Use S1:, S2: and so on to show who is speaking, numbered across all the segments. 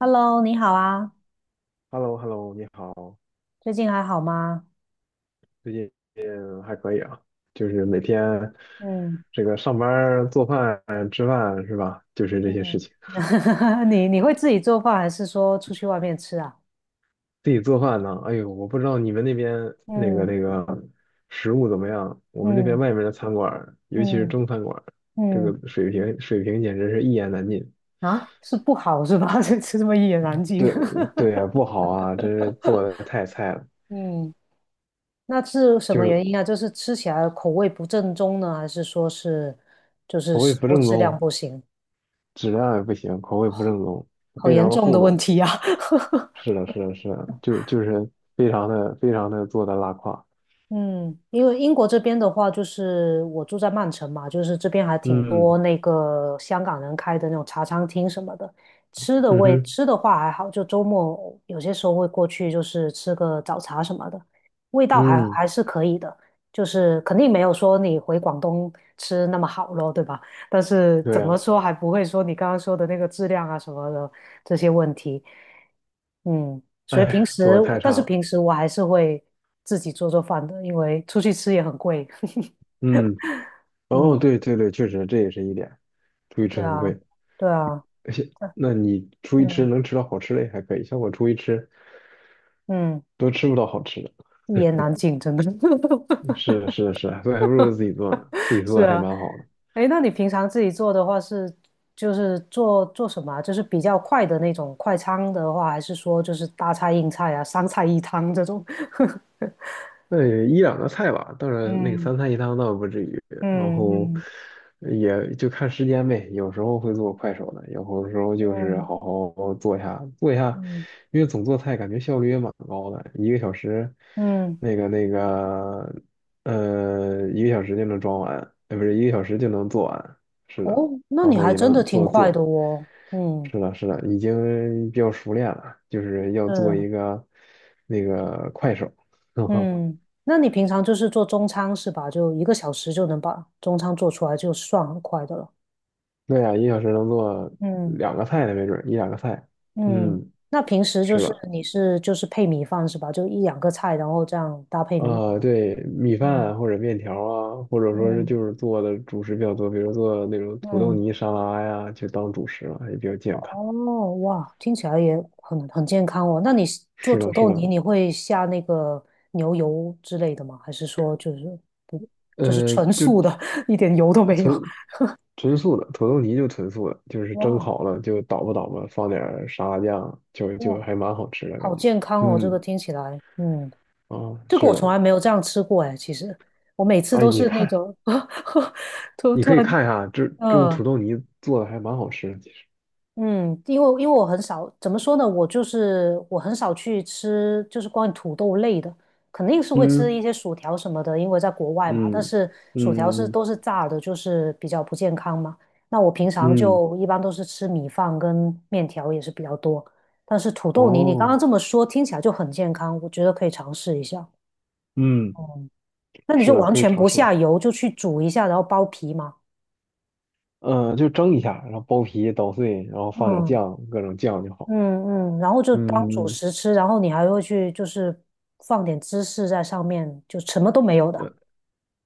S1: Hello，你好啊，
S2: h e l l o h e l l o 你好，
S1: 最近还好吗？
S2: 最近还可以啊，就是每天
S1: 嗯
S2: 这个上班儿做饭、吃饭是吧？就是这些事
S1: 嗯
S2: 情。
S1: 你会自己做饭，还是说出去外面吃啊？
S2: 自己做饭呢，哎呦，我不知道你们那边那个
S1: 嗯
S2: 那个食物怎么样，我们这边
S1: 嗯
S2: 外面的餐馆儿尤其是
S1: 嗯
S2: 中餐馆儿这
S1: 嗯
S2: 个水平简直是一言难尽。
S1: 啊，是不好是吧？这么一言难尽。
S2: 对对呀，不好啊，真是做的太菜了，
S1: 嗯，那是什
S2: 就
S1: 么
S2: 是
S1: 原因啊？就是吃起来口味不正宗呢，还是说是就是
S2: 口味
S1: 食
S2: 不
S1: 物
S2: 正
S1: 质量
S2: 宗，
S1: 不行？
S2: 质量也不行，口味不正宗，
S1: 好
S2: 非
S1: 严
S2: 常的
S1: 重
S2: 糊
S1: 的问
S2: 弄。
S1: 题啊！
S2: 是的，是的，是的，就是非常的做的拉胯，
S1: 嗯，因为英国这边的话，就是我住在曼城嘛，就是这边还挺多
S2: 嗯
S1: 那个香港人开的那种茶餐厅什么的。
S2: 嗯哼，
S1: 吃的话还好，就周末有些时候会过去，就是吃个早茶什么的，味道还嗯
S2: 嗯，
S1: 还是可以的，就是肯定没有说你回广东吃那么好咯，对吧？但是
S2: 对
S1: 怎么
S2: 呀，
S1: 说还不会说你刚刚说的那个质量啊什么的，这些问题。嗯，所以平
S2: 哎，做
S1: 时，
S2: 的太
S1: 但
S2: 差
S1: 是
S2: 了，
S1: 平时我还是会自己做做饭的，因为出去吃也很贵。
S2: 嗯，哦，
S1: 嗯，
S2: 对对对，确实这也是一点，出去
S1: 对
S2: 吃很
S1: 啊，
S2: 贵，
S1: 对啊，
S2: 那你出去吃
S1: 嗯
S2: 能吃到好吃的也还可以，像我出去吃
S1: 嗯，
S2: 都吃不到好吃的，
S1: 一言难尽，真的。
S2: 是的，是的，是的所以还不如自己做呢，自己做
S1: 是
S2: 的还
S1: 啊，
S2: 蛮好的。
S1: 哎，那你平常自己做的话是，就是做做什么啊就是比较快的那种快餐的话，还是说就是大菜硬菜啊，三菜一汤这种？
S2: 那也一两个菜吧，当然那个
S1: 嗯
S2: 三菜一汤倒不至于，然
S1: 嗯
S2: 后
S1: 嗯
S2: 也就看时间呗，有时候会做快手的，有时候就是
S1: 嗯
S2: 好好做一下，
S1: 嗯嗯。
S2: 因为总做菜感觉效率也蛮高的，一个小时，
S1: 嗯
S2: 那个那个，一个小时就能装完，不是一个小时就能做完，是的，
S1: 哦，那
S2: 然
S1: 你
S2: 后
S1: 还
S2: 也
S1: 真的
S2: 能
S1: 挺
S2: 做
S1: 快
S2: 做，
S1: 的哦。嗯，
S2: 是的，是的，已经比较熟练了，就是要做
S1: 嗯
S2: 一个那个快手。
S1: 嗯，那你平常就是做中餐是吧？就一个小时就能把中餐做出来，就算很快的了。
S2: 对呀，一个小时能做
S1: 嗯
S2: 两个菜呢，没准儿一两个菜。
S1: 嗯，
S2: 嗯，
S1: 那平时就
S2: 是
S1: 是
S2: 的，
S1: 你是就是配米饭是吧？就一两个菜，然后这样搭配米饭。
S2: 对，米
S1: 嗯
S2: 饭或者面条啊，或者说是
S1: 嗯
S2: 就是做的主食比较多，比如做那种土豆
S1: 嗯，
S2: 泥沙拉呀，就当主食了，也比较健康。
S1: 哦哇，听起来也很健康哦。那你是做
S2: 是
S1: 土
S2: 的，是
S1: 豆泥，
S2: 的，
S1: 你会下那个牛油之类的吗？还是说就是不就是纯
S2: 就
S1: 素的，一点油都没有？
S2: 纯纯素的土豆泥就纯素的，就是蒸
S1: 哇
S2: 好了就捣吧捣吧，放点儿沙拉酱，就
S1: 哇，
S2: 还蛮好吃的
S1: 好
S2: 感觉。
S1: 健康哦！这个
S2: 嗯，
S1: 听起来，嗯，
S2: 啊，
S1: 这个
S2: 是
S1: 我从
S2: 的，
S1: 来没有这样吃过哎。其实我每次
S2: 哎，
S1: 都
S2: 你
S1: 是那
S2: 看，
S1: 种 突
S2: 你
S1: 突
S2: 可以
S1: 然，
S2: 看一下，这种土
S1: 嗯、
S2: 豆泥做的还蛮好吃的，其实。
S1: 嗯，因为我很少，怎么说呢？我就是我很少去吃，就是关于土豆类的，肯定是会吃
S2: 嗯
S1: 一些薯条什么的，因为在国外嘛。但
S2: 嗯
S1: 是薯条是
S2: 嗯
S1: 都是炸的，就是比较不健康嘛。那我平常
S2: 嗯，
S1: 就一般都是吃米饭跟面条也是比较多，但是土豆泥你刚刚
S2: 哦，
S1: 这么说听起来就很健康，我觉得可以尝试一下。
S2: 嗯，
S1: 那你
S2: 是
S1: 就
S2: 的，
S1: 完
S2: 可以
S1: 全
S2: 尝
S1: 不
S2: 试。
S1: 下油，就去煮一下，然后剥皮嘛。
S2: 嗯，就蒸一下，然后剥皮捣碎，然后放点
S1: 嗯
S2: 酱，各种酱就好。
S1: 嗯嗯，然后就当主
S2: 嗯，
S1: 食吃，然后你还会去就是放点芝士在上面，就什么都没有的。
S2: 呃，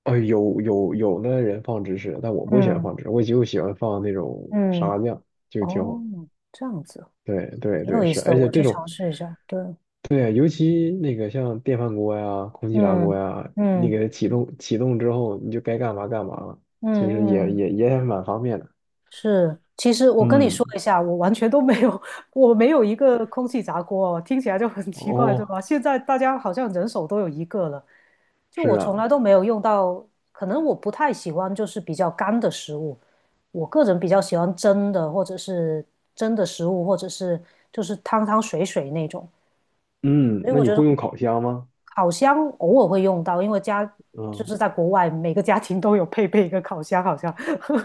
S2: 哦，有的人放芝士，但我不喜欢
S1: 嗯
S2: 放芝士，我就喜欢放那种沙
S1: 嗯，
S2: 拉酱，就挺好。
S1: 哦，这样子
S2: 对对
S1: 挺有
S2: 对，
S1: 意
S2: 是，
S1: 思
S2: 而
S1: 的，
S2: 且
S1: 我
S2: 这
S1: 去
S2: 种，
S1: 尝试一下。对，
S2: 对，尤其那个像电饭锅呀、空气炸锅
S1: 嗯
S2: 呀，你
S1: 嗯
S2: 给它启动启动之后，你就该干嘛干嘛了，其实
S1: 嗯
S2: 也
S1: 嗯，
S2: 也也蛮方便的。
S1: 是。其实我跟你说
S2: 嗯。
S1: 一下，我完全都没有，我没有一个空气炸锅哦，听起来就很奇怪，对
S2: 哦，
S1: 吧？现在大家好像人手都有一个了，就
S2: 是
S1: 我从
S2: 啊，
S1: 来都没有用到，可能我不太喜欢就是比较干的食物，我个人比较喜欢蒸的或者是蒸的食物，或者是就是汤汤水水那种，
S2: 嗯，
S1: 所以
S2: 那
S1: 我
S2: 你
S1: 觉
S2: 会
S1: 得
S2: 用烤箱吗？
S1: 烤箱偶尔会用到，因为家就
S2: 嗯
S1: 是在国外，每个家庭都有配备一个烤箱，好像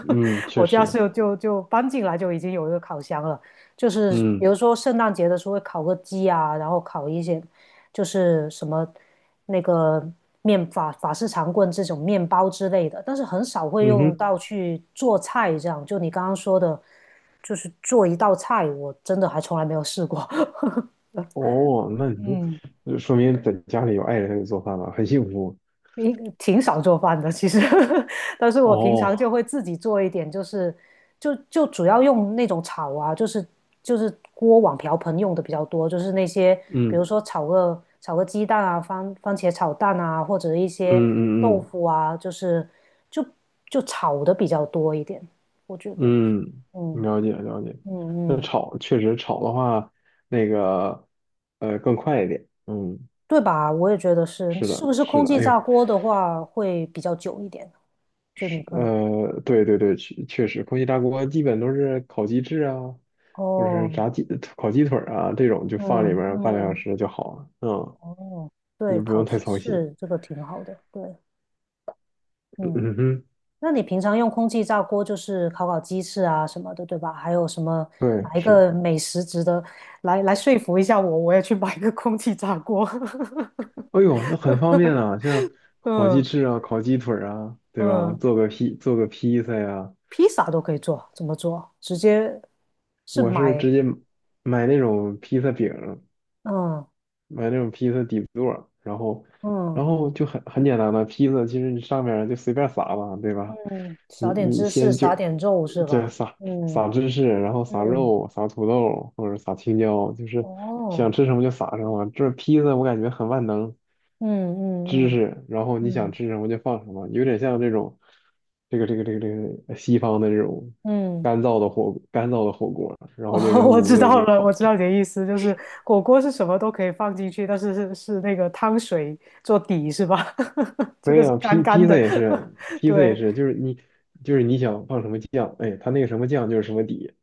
S2: 嗯，确
S1: 我家
S2: 实，
S1: 是就搬进来就已经有一个烤箱了。就是比
S2: 嗯
S1: 如说圣诞节的时候会烤个鸡啊，然后烤一些就是什么那个法式长棍这种面包之类的，但是很少会
S2: 嗯
S1: 用
S2: 哼，
S1: 到去做菜这样。就你刚刚说的，就是做一道菜，我真的还从来没有试过。
S2: 哦，那你就
S1: 嗯
S2: 就说明在家里有爱人给做饭了，很幸福。
S1: 应挺少做饭的，其实，但是我平常就
S2: 哦，
S1: 会自己做一点，就是就主要用那种炒啊，就是锅碗瓢盆用的比较多，就是那些比
S2: 嗯
S1: 如说炒个鸡蛋啊，番茄炒蛋啊，或者一些
S2: 嗯
S1: 豆
S2: 嗯
S1: 腐啊，就是就就炒的比较多一点，我觉得，
S2: 嗯嗯，
S1: 嗯
S2: 了解了解。
S1: 嗯
S2: 那
S1: 嗯，
S2: 炒确实炒的话，那个更快一点。嗯，
S1: 对吧？我也觉得是，
S2: 是
S1: 是
S2: 的，
S1: 不是
S2: 是
S1: 空
S2: 的。
S1: 气
S2: 哎呦，
S1: 炸锅的话会比较久一点？就你
S2: 是，
S1: 个
S2: 对对对，确实，空气炸锅基本都是烤鸡翅啊，或者是
S1: 哦，
S2: 炸鸡、烤鸡腿儿啊这种，就放里面
S1: 嗯
S2: 儿半个小
S1: 嗯。
S2: 时就好了。嗯，
S1: 哦，对，
S2: 你不
S1: 烤
S2: 用太
S1: 鸡
S2: 操心。
S1: 翅这个挺好的，对，
S2: 嗯
S1: 嗯，
S2: 嗯哼，
S1: 那你平常用空气炸锅就是烤烤鸡翅啊什么的，对吧？还有什么
S2: 对，
S1: 哪一
S2: 是。
S1: 个美食值得来说服一下我，我也去买个空气炸锅。
S2: 哎呦，那很方便 啊，像烤鸡
S1: 嗯
S2: 翅啊、烤鸡腿儿啊，对吧？
S1: 嗯，
S2: 做个披萨呀、
S1: 披萨都可以做，怎么做？直接是
S2: 我是
S1: 买，
S2: 直接买那种披萨饼，
S1: 嗯
S2: 买那种披萨底座，然后，然
S1: 嗯
S2: 后就很简单的披萨，其实你上面儿就随便撒吧，对吧？
S1: 嗯，
S2: 你
S1: 撒点
S2: 你
S1: 芝士，
S2: 先就
S1: 撒点肉是
S2: 就
S1: 吧？
S2: 撒
S1: 嗯
S2: 撒芝士，然后撒
S1: 嗯，
S2: 肉、撒土豆或者撒青椒，就是想
S1: 哦，
S2: 吃什么就撒什么。这披萨我感觉很万能，
S1: 嗯
S2: 芝
S1: 嗯
S2: 士，然后你想
S1: 嗯
S2: 吃什么就放什么，有点像这种这个西方的这种
S1: 嗯嗯。
S2: 干燥的火锅，然后就
S1: 哦，
S2: 扔
S1: 我
S2: 炉
S1: 知
S2: 子里
S1: 道
S2: 一
S1: 了，我
S2: 烤。
S1: 知道你的意思，就是火锅是什么都可以放进去，但是是那个汤水做底是吧？这
S2: 对
S1: 个是
S2: 呀，
S1: 干
S2: 披
S1: 干
S2: 披萨
S1: 的，
S2: 也是，披萨也
S1: 对，
S2: 是，就是你想放什么酱，哎，它那个什么酱就是什么底，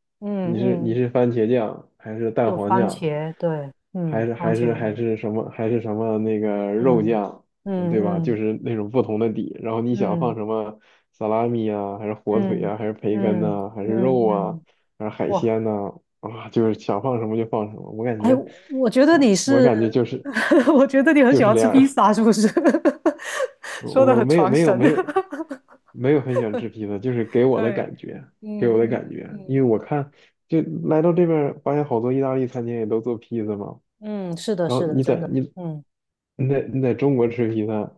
S2: 你
S1: 嗯
S2: 是你
S1: 嗯，
S2: 是番茄酱还是蛋
S1: 就
S2: 黄
S1: 番
S2: 酱，
S1: 茄，对，嗯，
S2: 还是
S1: 番
S2: 还
S1: 茄
S2: 是还
S1: 味，
S2: 是什么还是什么那个肉
S1: 嗯
S2: 酱，嗯
S1: 嗯
S2: 对吧？就
S1: 嗯
S2: 是那种不同的底，然后你想放
S1: 嗯
S2: 什么萨拉米啊，还是火腿
S1: 嗯
S2: 啊，还是培根
S1: 嗯
S2: 呐、还是
S1: 嗯
S2: 肉啊，
S1: 嗯，
S2: 还是海
S1: 哇，
S2: 鲜呐、啊，就是想放什么就放什么，我感
S1: 哎，
S2: 觉
S1: 我觉得
S2: 嗯
S1: 你
S2: 我
S1: 是，
S2: 感觉就是
S1: 我觉得你很
S2: 就
S1: 喜
S2: 是
S1: 欢
S2: 这
S1: 吃
S2: 样。
S1: 披萨，是不是？说的
S2: 我我
S1: 很传神，
S2: 没有很喜欢吃披萨，就是给 我的
S1: 对，
S2: 感觉，
S1: 嗯嗯
S2: 因
S1: 嗯
S2: 为我
S1: 嗯。
S2: 看就来到这边儿发现好多意大利餐厅也都做披萨嘛，
S1: 嗯，是的，
S2: 然
S1: 是
S2: 后
S1: 的，真的，嗯
S2: 你在中国吃披萨，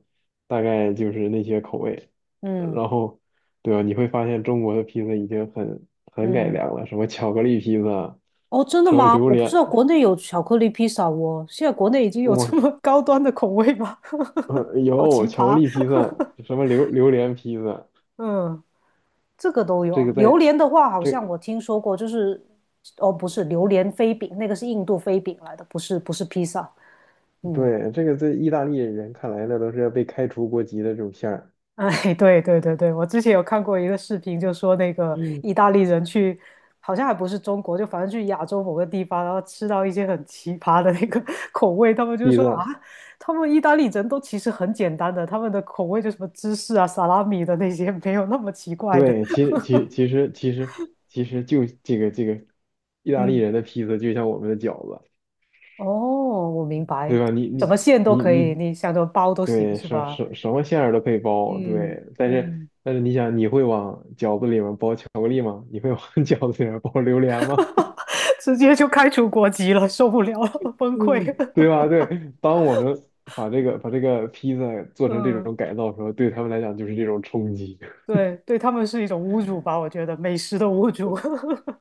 S2: 大概就是那些口味，
S1: 嗯
S2: 然后对吧？你会发现中国的披萨已经很改
S1: 嗯，
S2: 良了，什么巧克力披萨，
S1: 哦，真的
S2: 什么
S1: 吗？
S2: 榴
S1: 我不知
S2: 莲，
S1: 道国内有巧克力披萨哦，现在国内已经有这么
S2: 我
S1: 高端的口味吗？好奇
S2: 有巧克
S1: 葩，
S2: 力披 萨，什么榴莲披萨，
S1: 嗯，这个都
S2: 这
S1: 有。
S2: 个
S1: 榴
S2: 在。
S1: 莲的话，好像
S2: 这。
S1: 我听说过，就是，哦，不是榴莲飞饼，那个是印度飞饼来的，不是不是披萨，嗯。
S2: 对，这个在意大利人看来，那都是要被开除国籍的这种馅儿。
S1: 哎，对对对对，我之前有看过一个视频，就说那个
S2: 嗯，
S1: 意大利人去，好像还不是中国，就反正去亚洲某个地方，然后吃到一些很奇葩的那个 口味，他们就
S2: 披
S1: 说
S2: 萨，
S1: 啊，他们意大利人都其实很简单的，他们的口味就什么芝士啊、萨拉米的那些 没有那么奇怪的。
S2: 对，其实就这个意大利
S1: 嗯，
S2: 人的披萨就像我们的饺子，
S1: 哦，我明白，
S2: 对吧？你
S1: 什
S2: 你
S1: 么馅都
S2: 你
S1: 可以，
S2: 你，
S1: 你想怎么包都行，
S2: 对，
S1: 是吧？
S2: 什么馅儿都可以包，
S1: 嗯
S2: 对。但是
S1: 嗯，
S2: 但是你想，你会往饺子里面包巧克力吗？你会往 饺子里面包榴莲吗？
S1: 直接就开除国籍了，受不了了，
S2: 嗯，
S1: 崩溃
S2: 对吧？对，当我们把这个披萨 做成这
S1: 嗯。
S2: 种改造的时候，对他们来讲就是这种冲击。
S1: 对，对他们是一种侮辱吧，我觉得美食的侮辱。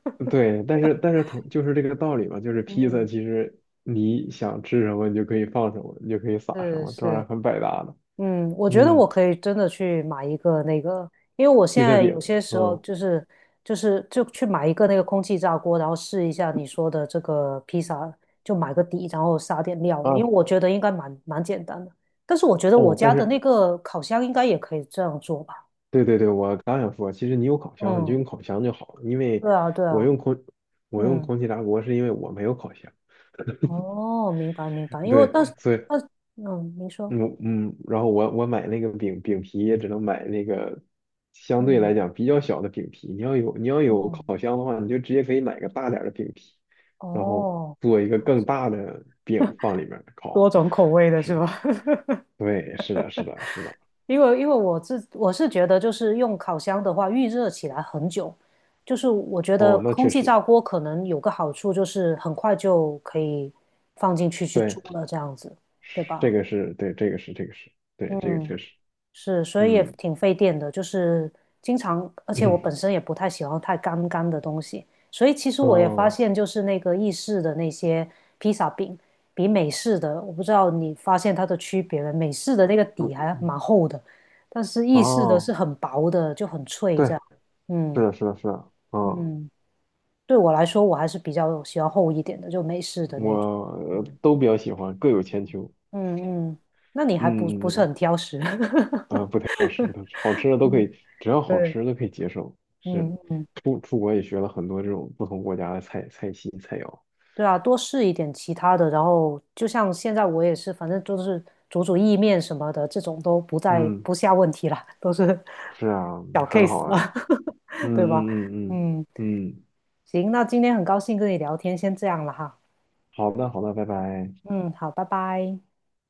S2: 对，但是同就是这个道理嘛，就是披萨
S1: 嗯，
S2: 其实你想吃什么，你就可以放什么，你就可以撒什
S1: 是
S2: 么，当
S1: 是，
S2: 然很百搭的。
S1: 嗯，我觉得
S2: 嗯，
S1: 我可以真的去买一个那个，因为我现
S2: 披萨
S1: 在
S2: 饼，
S1: 有些时候
S2: 嗯
S1: 就是就去买一个那个空气炸锅，然后试一下你说的这个披萨，就买个底，然后撒点料，因
S2: 啊
S1: 为我觉得应该蛮简单的。但是我觉得我
S2: 哦，但
S1: 家的那
S2: 是
S1: 个烤箱应该也可以这样做吧？
S2: 对对对，我刚想说，其实你有烤箱，你就
S1: 嗯，
S2: 用烤箱就好了，因为
S1: 对啊，对
S2: 我
S1: 啊，
S2: 用空我用
S1: 嗯，
S2: 空气炸锅是因为我没有烤箱，
S1: 哦，明白明白，因为
S2: 对，
S1: 但是
S2: 所以
S1: 嗯，您说，
S2: 嗯嗯，然后我买那个饼皮也只能买那个相对来
S1: 嗯，
S2: 讲比较小的饼皮。你要有
S1: 哦。
S2: 烤箱的话，你就直接可以买个大点儿的饼皮，然后
S1: 哦，
S2: 做一
S1: 这
S2: 个
S1: 样
S2: 更
S1: 子
S2: 大的饼放里面儿
S1: 多
S2: 烤。
S1: 种口味的是
S2: 是，
S1: 吧？
S2: 对，是的，是的，是的。
S1: 因为我是觉得，就是用烤箱的话，预热起来很久，就是我觉得
S2: 哦，那
S1: 空
S2: 确
S1: 气
S2: 实，
S1: 炸锅可能有个好处，就是很快就可以放进去煮
S2: 对，
S1: 了，这样子，对吧？
S2: 这个是对，这个是对，这个
S1: 嗯
S2: 确实，
S1: 是，所以也
S2: 嗯
S1: 挺费电的，就是经常，而且我
S2: 嗯
S1: 本身也不太喜欢太干干的东西，所以其实我也发
S2: 哦。
S1: 现，就是那个意式的那些披萨饼，比美式的，我不知道你发现它的区别没？美式的那个底还
S2: 嗯
S1: 蛮厚的，但是意式的是
S2: 哦，
S1: 很薄的，就很脆
S2: 对，
S1: 这样。
S2: 是
S1: 嗯
S2: 的，是的，是的，嗯，
S1: 嗯，对我来说，我还是比较喜欢厚一点的，就美式的
S2: 我
S1: 那种。嗯
S2: 都比较喜欢，各有千秋。
S1: 嗯嗯，那你还不
S2: 嗯
S1: 是很
S2: 嗯
S1: 挑食？
S2: 嗯，啊，不太好吃，不太好吃，好 吃的都可
S1: 嗯，
S2: 以，只要好
S1: 对，
S2: 吃的都可以接受。是，
S1: 嗯嗯。
S2: 出国也学了很多这种不同国家的菜系菜肴。
S1: 对啊，多试一点其他的，然后就像现在我也是，反正就是煮煮意面什么的，这种都不再
S2: 嗯，
S1: 不下问题了，都是
S2: 是啊，
S1: 小
S2: 很好
S1: case 了，
S2: 啊。嗯
S1: 对吧？
S2: 嗯嗯嗯
S1: 嗯，
S2: 嗯，嗯
S1: 行，那今天很高兴跟你聊天，先这样了哈。
S2: 好的好的，拜拜。
S1: 嗯，好，拜拜。